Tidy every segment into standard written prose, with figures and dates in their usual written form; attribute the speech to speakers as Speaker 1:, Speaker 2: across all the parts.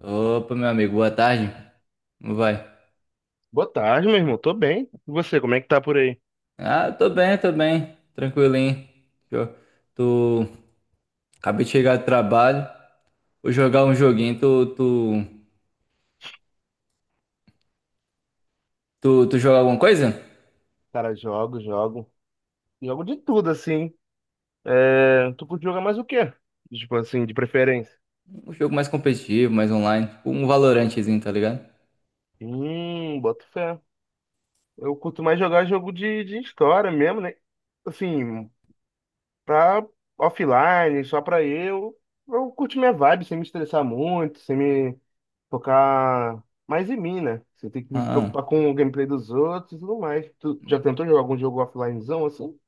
Speaker 1: Opa, meu amigo, boa tarde. Como vai?
Speaker 2: Boa tarde, meu irmão. Tô bem. E você, como é que tá por aí?
Speaker 1: Ah, tô bem, tô bem. Tranquilinho. Eu tô... Acabei de chegar do trabalho. Vou jogar um joguinho. Tu joga alguma coisa?
Speaker 2: Cara, jogo. Jogo de tudo, assim. É, tu curte jogar mais o quê? Tipo assim, de preferência.
Speaker 1: Um jogo mais competitivo, mais online. Tipo um Valorantezinho, tá ligado?
Speaker 2: Boto fé. Eu curto mais jogar jogo de história mesmo, né? Assim, pra offline, só pra eu. Eu curto minha vibe, sem me estressar muito, sem me focar mais em mim, né? Sem ter que me preocupar
Speaker 1: Ah,
Speaker 2: com o gameplay dos outros e tudo mais. Tu já tentou jogar algum jogo offlinezão assim?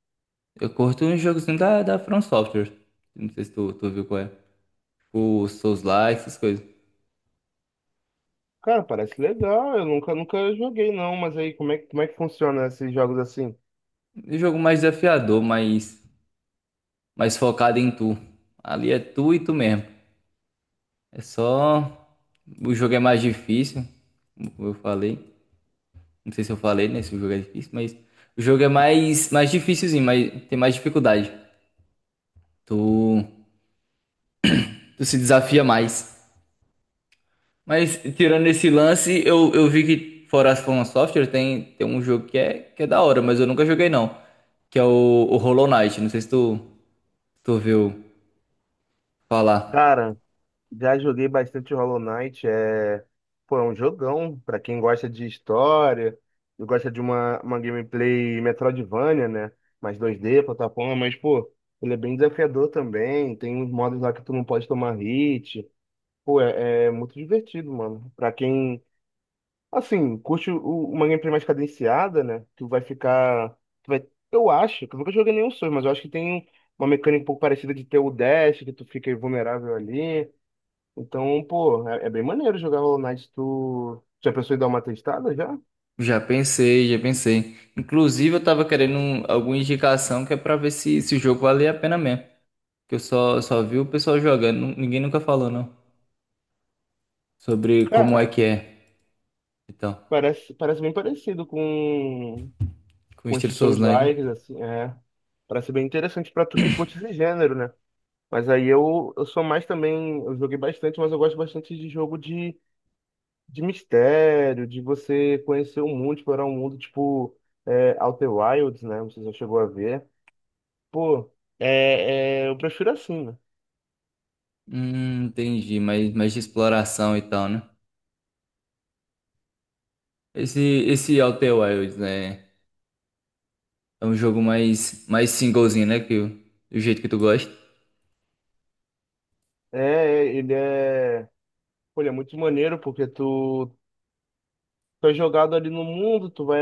Speaker 1: eu curto um jogozinho da From Software. Não sei se tu viu qual é. O Souls-like, essas coisas.
Speaker 2: Cara, parece legal. Eu nunca joguei, não. Mas aí, como é que funciona esses jogos assim?
Speaker 1: Um jogo mais desafiador, mais focado em tu. Ali é tu e tu mesmo. É só. O jogo é mais difícil, como eu falei. Não sei se eu falei, né? Se o jogo é difícil, mas. O jogo é mais difícilzinho, mas tem mais dificuldade. Tu, tu se desafia mais. Mas, tirando esse lance, eu vi que fora as From Software tem um jogo que é da hora, mas eu nunca joguei não. Que é o Hollow Knight. Não sei se tu ouviu falar.
Speaker 2: Cara, já joguei bastante Hollow Knight. É, pô, é um jogão. Pra quem gosta de história, eu gosta de uma gameplay Metroidvania, né? Mais 2D, plataforma. Mas, pô, ele é bem desafiador também. Tem uns modos lá que tu não pode tomar hit. Pô, é muito divertido, mano. Pra quem assim, curte uma gameplay mais cadenciada, né? Tu vai ficar. Tu vai, eu acho, que eu nunca joguei nenhum Souls, mas eu acho que tem uma mecânica um pouco parecida de ter o dash, que tu fica vulnerável ali. Então, pô, é bem maneiro jogar Hollow Knight. Tu já pensou em dar uma testada já?
Speaker 1: Já pensei, já pensei. Inclusive, eu tava querendo alguma indicação que é pra ver se, se o jogo valia a pena mesmo. Que eu só vi o pessoal jogando. Ninguém nunca falou, não. Sobre como é
Speaker 2: Cara,
Speaker 1: que é e tal.
Speaker 2: parece bem parecido
Speaker 1: Com
Speaker 2: com
Speaker 1: estilo
Speaker 2: esses Souls
Speaker 1: Souls-like.
Speaker 2: Lives assim, é. Parece bem interessante pra tu que curte esse gênero, né? Mas aí eu sou mais também. Eu joguei bastante, mas eu gosto bastante de jogo de. De mistério, de você conhecer o mundo, explorar o mundo, tipo é, Outer Wilds, né? Você já chegou a ver. Pô, eu prefiro assim, né?
Speaker 1: Entendi. Mais de exploração e tal, né? Esse, esse Outer Wilds, né? É um jogo mais singlezinho, né? Do jeito que tu gosta.
Speaker 2: É, ele é, pô, ele é muito maneiro porque tu é jogado ali no mundo, tu vai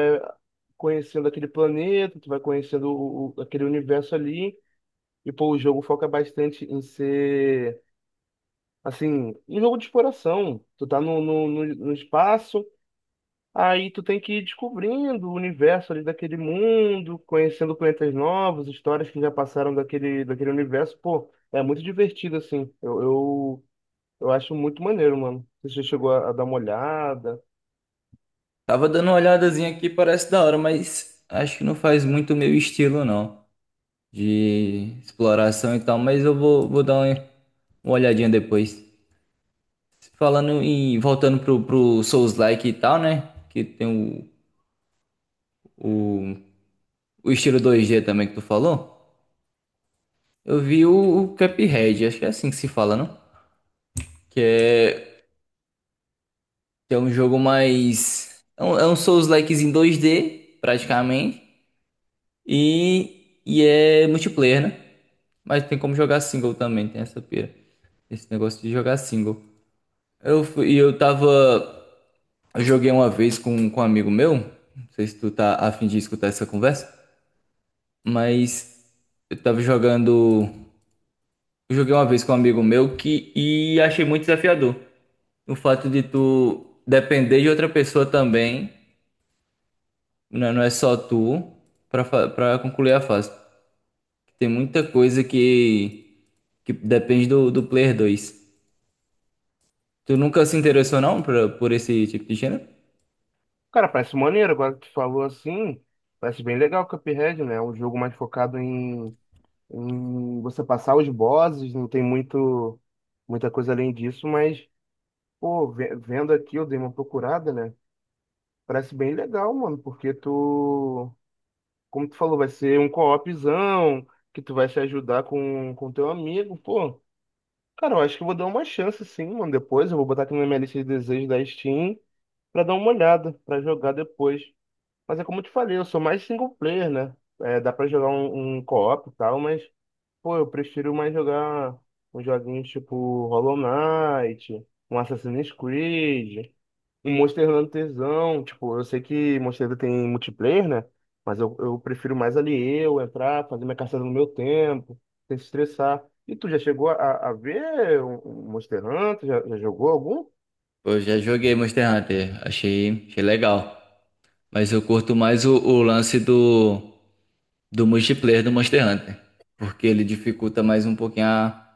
Speaker 2: conhecendo aquele planeta, tu vai conhecendo aquele universo ali. E, pô, o jogo foca bastante em ser, assim, um jogo de exploração. Tu tá no espaço. Aí tu tem que ir descobrindo o universo ali daquele mundo, conhecendo planetas novos, histórias que já passaram daquele universo. Pô, é muito divertido, assim. Eu acho muito maneiro, mano. Você já chegou a dar uma olhada.
Speaker 1: Tava dando uma olhadazinha aqui, parece da hora, mas acho que não faz muito meu estilo, não. De exploração e tal, mas eu vou dar uma olhadinha depois. Voltando pro Souls-like e tal, né? Que tem o, o, o estilo 2D também que tu falou. Eu vi o Cuphead, acho que é assim que se fala, não? Que é, que é um jogo mais. É um Souls-like em 2D, praticamente. E é multiplayer, né? Mas tem como jogar single também, tem essa pira. Esse negócio de jogar single. Eu fui, e eu tava. Eu joguei uma vez com um amigo meu. Não sei se tu tá afim de escutar essa conversa. Mas eu tava jogando. Eu joguei uma vez com um amigo meu que e achei muito desafiador. O fato de tu depender de outra pessoa também, né, não é só tu, pra concluir a fase. Tem muita coisa que depende do player 2. Tu nunca se interessou não pra, por esse tipo de gênero?
Speaker 2: Cara, parece maneiro, agora que tu falou assim, parece bem legal o Cuphead, né? É um jogo mais focado em você passar os bosses, não tem muito, muita coisa além disso, mas, pô, vendo aqui, eu dei uma procurada, né? Parece bem legal, mano, porque tu como tu falou, vai ser um co-opzão, que tu vai se ajudar com teu amigo, pô. Cara, eu acho que eu vou dar uma chance sim, mano. Depois eu vou botar aqui na minha lista de desejos da Steam pra dar uma olhada, pra jogar depois. Mas é como eu te falei, eu sou mais single player, né? É, dá pra jogar um co-op e tal, mas, pô, eu prefiro mais jogar uns joguinhos tipo Hollow Knight, um Assassin's Creed. Um Monster Hunterzão, tipo, eu sei que Monster Hunter tem multiplayer, né? Mas eu prefiro mais ali eu entrar, fazer minha caçada no meu tempo, sem se estressar. E tu já chegou a ver um Monster Hunter? Já jogou algum?
Speaker 1: Eu já joguei Monster Hunter, achei legal. Mas eu curto mais o lance do multiplayer do Monster Hunter, porque ele dificulta mais um pouquinho a,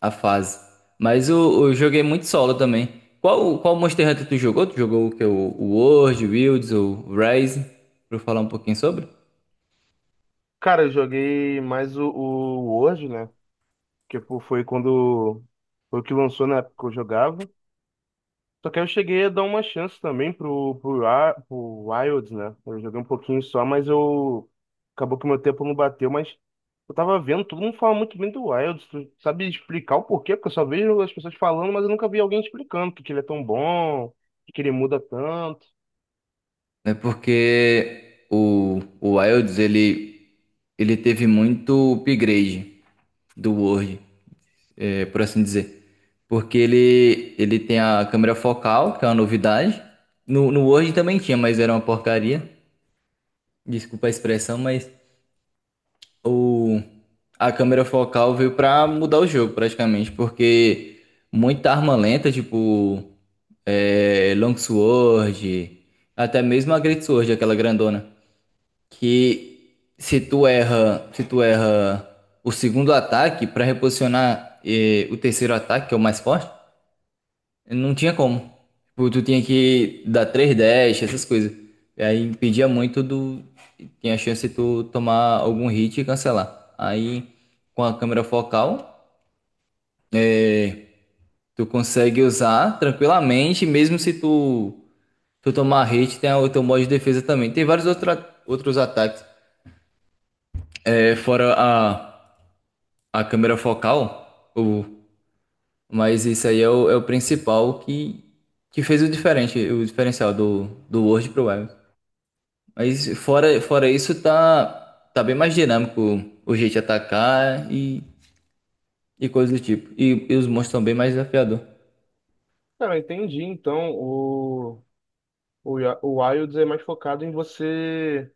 Speaker 1: a fase. Mas eu joguei muito solo também. Qual Monster Hunter tu jogou? Tu jogou o que? O World, o Wilds, o Rise? Pra eu falar um pouquinho sobre?
Speaker 2: Cara, eu joguei mais o World, né? Que pô, foi quando foi o que lançou na época que eu jogava. Só que aí eu cheguei a dar uma chance também pro Wilds, né? Eu joguei um pouquinho só, mas eu. Acabou que meu tempo não bateu, mas eu tava vendo, todo mundo fala muito bem do Wilds. Tu sabe explicar o porquê? Porque eu só vejo as pessoas falando, mas eu nunca vi alguém explicando porque ele é tão bom, porque ele muda tanto.
Speaker 1: É porque o Wilds, ele teve muito upgrade do World, é, por assim dizer. Porque ele tem a câmera focal, que é uma novidade. No Word também tinha, mas era uma porcaria. Desculpa a expressão, mas o, a câmera focal veio pra mudar o jogo praticamente, porque muita arma lenta, tipo Longsword, até mesmo a Great Sword, aquela grandona, que se tu erra o segundo ataque pra reposicionar o terceiro ataque, que é o mais forte, não tinha como. Tipo, tu tinha que dar três dash, essas coisas. E aí impedia muito do. Tinha a chance de tu tomar algum hit e cancelar. Aí, com a câmera focal, tu consegue usar tranquilamente, mesmo se tu, tu tomar hit, tem o teu modo de defesa também. Tem outros ataques. É, fora a câmera focal, mas isso aí é o principal que fez o diferente, o diferencial do World Pro Web. Mas fora isso, tá bem mais dinâmico o jeito de atacar e coisas do tipo. E os monstros são bem mais desafiador.
Speaker 2: Cara, eu entendi. Então, o Wilds é mais focado em você.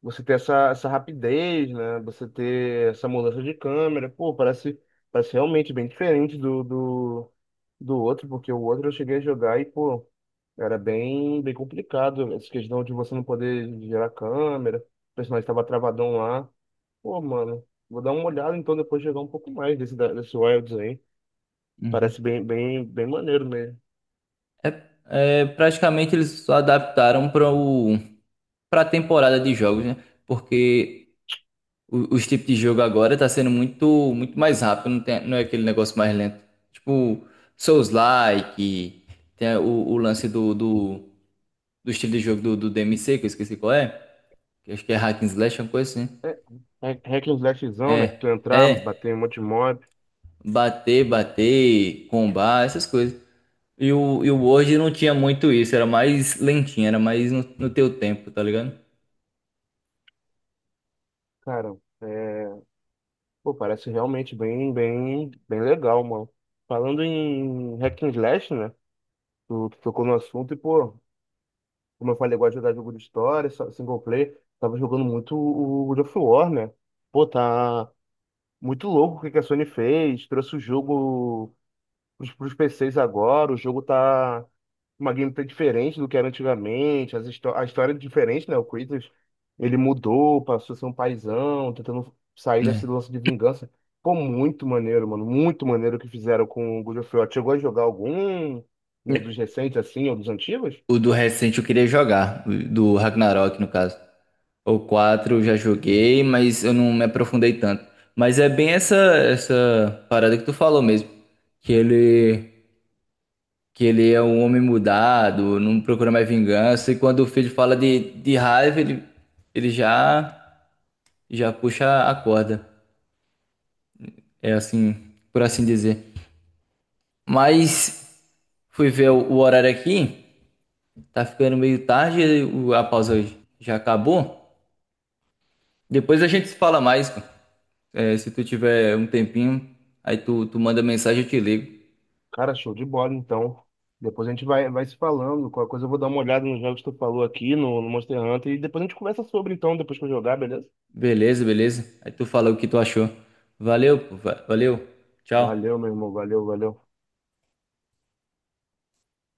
Speaker 2: Você ter essa, essa rapidez, né? Você ter essa mudança de câmera. Pô, parece realmente bem diferente do outro, porque o outro eu cheguei a jogar e, pô, era bem complicado. Essa questão de você não poder gerar câmera, o personagem estava travadão lá. Pô, mano, vou dar uma olhada então depois de jogar um pouco mais desse Wilds aí.
Speaker 1: Uhum.
Speaker 2: Parece bem maneiro mesmo.
Speaker 1: É, praticamente eles só adaptaram para a temporada de jogos, né? Porque os tipos de jogo agora tá sendo muito mais rápido, não tem, não é aquele negócio mais lento. Tipo Souls-like, tem o lance do estilo de jogo do DMC, que eu esqueci qual é, que acho que é Hack and Slash, uma coisa assim.
Speaker 2: É, hack and slashzão, né? Que
Speaker 1: É,
Speaker 2: tu entrar,
Speaker 1: é.
Speaker 2: bater em um monte de mob.
Speaker 1: Bater, bater, combar, essas coisas. E o Word não tinha muito isso, era mais lentinho, era mais no teu tempo, tá ligado?
Speaker 2: Cara, é, pô, parece realmente bem legal, mano. Falando em hack and slash, né? Tu tocou no assunto e, pô, como eu falei, eu gosto de jogar jogo de história, single player. Tava jogando muito o God of War, né? Pô, tá muito louco o que que a Sony fez. Trouxe o jogo os, pros PCs agora, o jogo tá uma gameplay diferente do que era antigamente, as histó a história é diferente, né? O Kratos, ele mudou, passou a ser um paizão, tentando sair desse
Speaker 1: Né?
Speaker 2: lance de vingança. Pô, muito maneiro, mano, muito maneiro o que fizeram com o God of War. Chegou a jogar algum um dos recentes, assim, ou dos antigos?
Speaker 1: O do recente eu queria jogar, o do Ragnarok no caso. O 4 eu já joguei, mas eu não me aprofundei tanto. Mas é bem essa parada que tu falou mesmo, que ele é um homem mudado, não procura mais vingança e quando o filho fala de raiva, ele já puxa a corda. É assim, por assim dizer. Mas fui ver o horário aqui, tá ficando meio tarde, e a pausa hoje já acabou. Depois a gente se fala mais, cara. É, se tu tiver um tempinho, aí tu manda mensagem, eu te ligo.
Speaker 2: Cara, show de bola, então. Depois a gente vai, vai se falando. Qualquer coisa eu vou dar uma olhada nos jogos que tu falou aqui no Monster Hunter e depois a gente conversa sobre, então, depois que eu jogar, beleza?
Speaker 1: Beleza, beleza. Aí tu fala o que tu achou. Valeu, pô, valeu.
Speaker 2: Valeu,
Speaker 1: Tchau.
Speaker 2: meu irmão, valeu, valeu.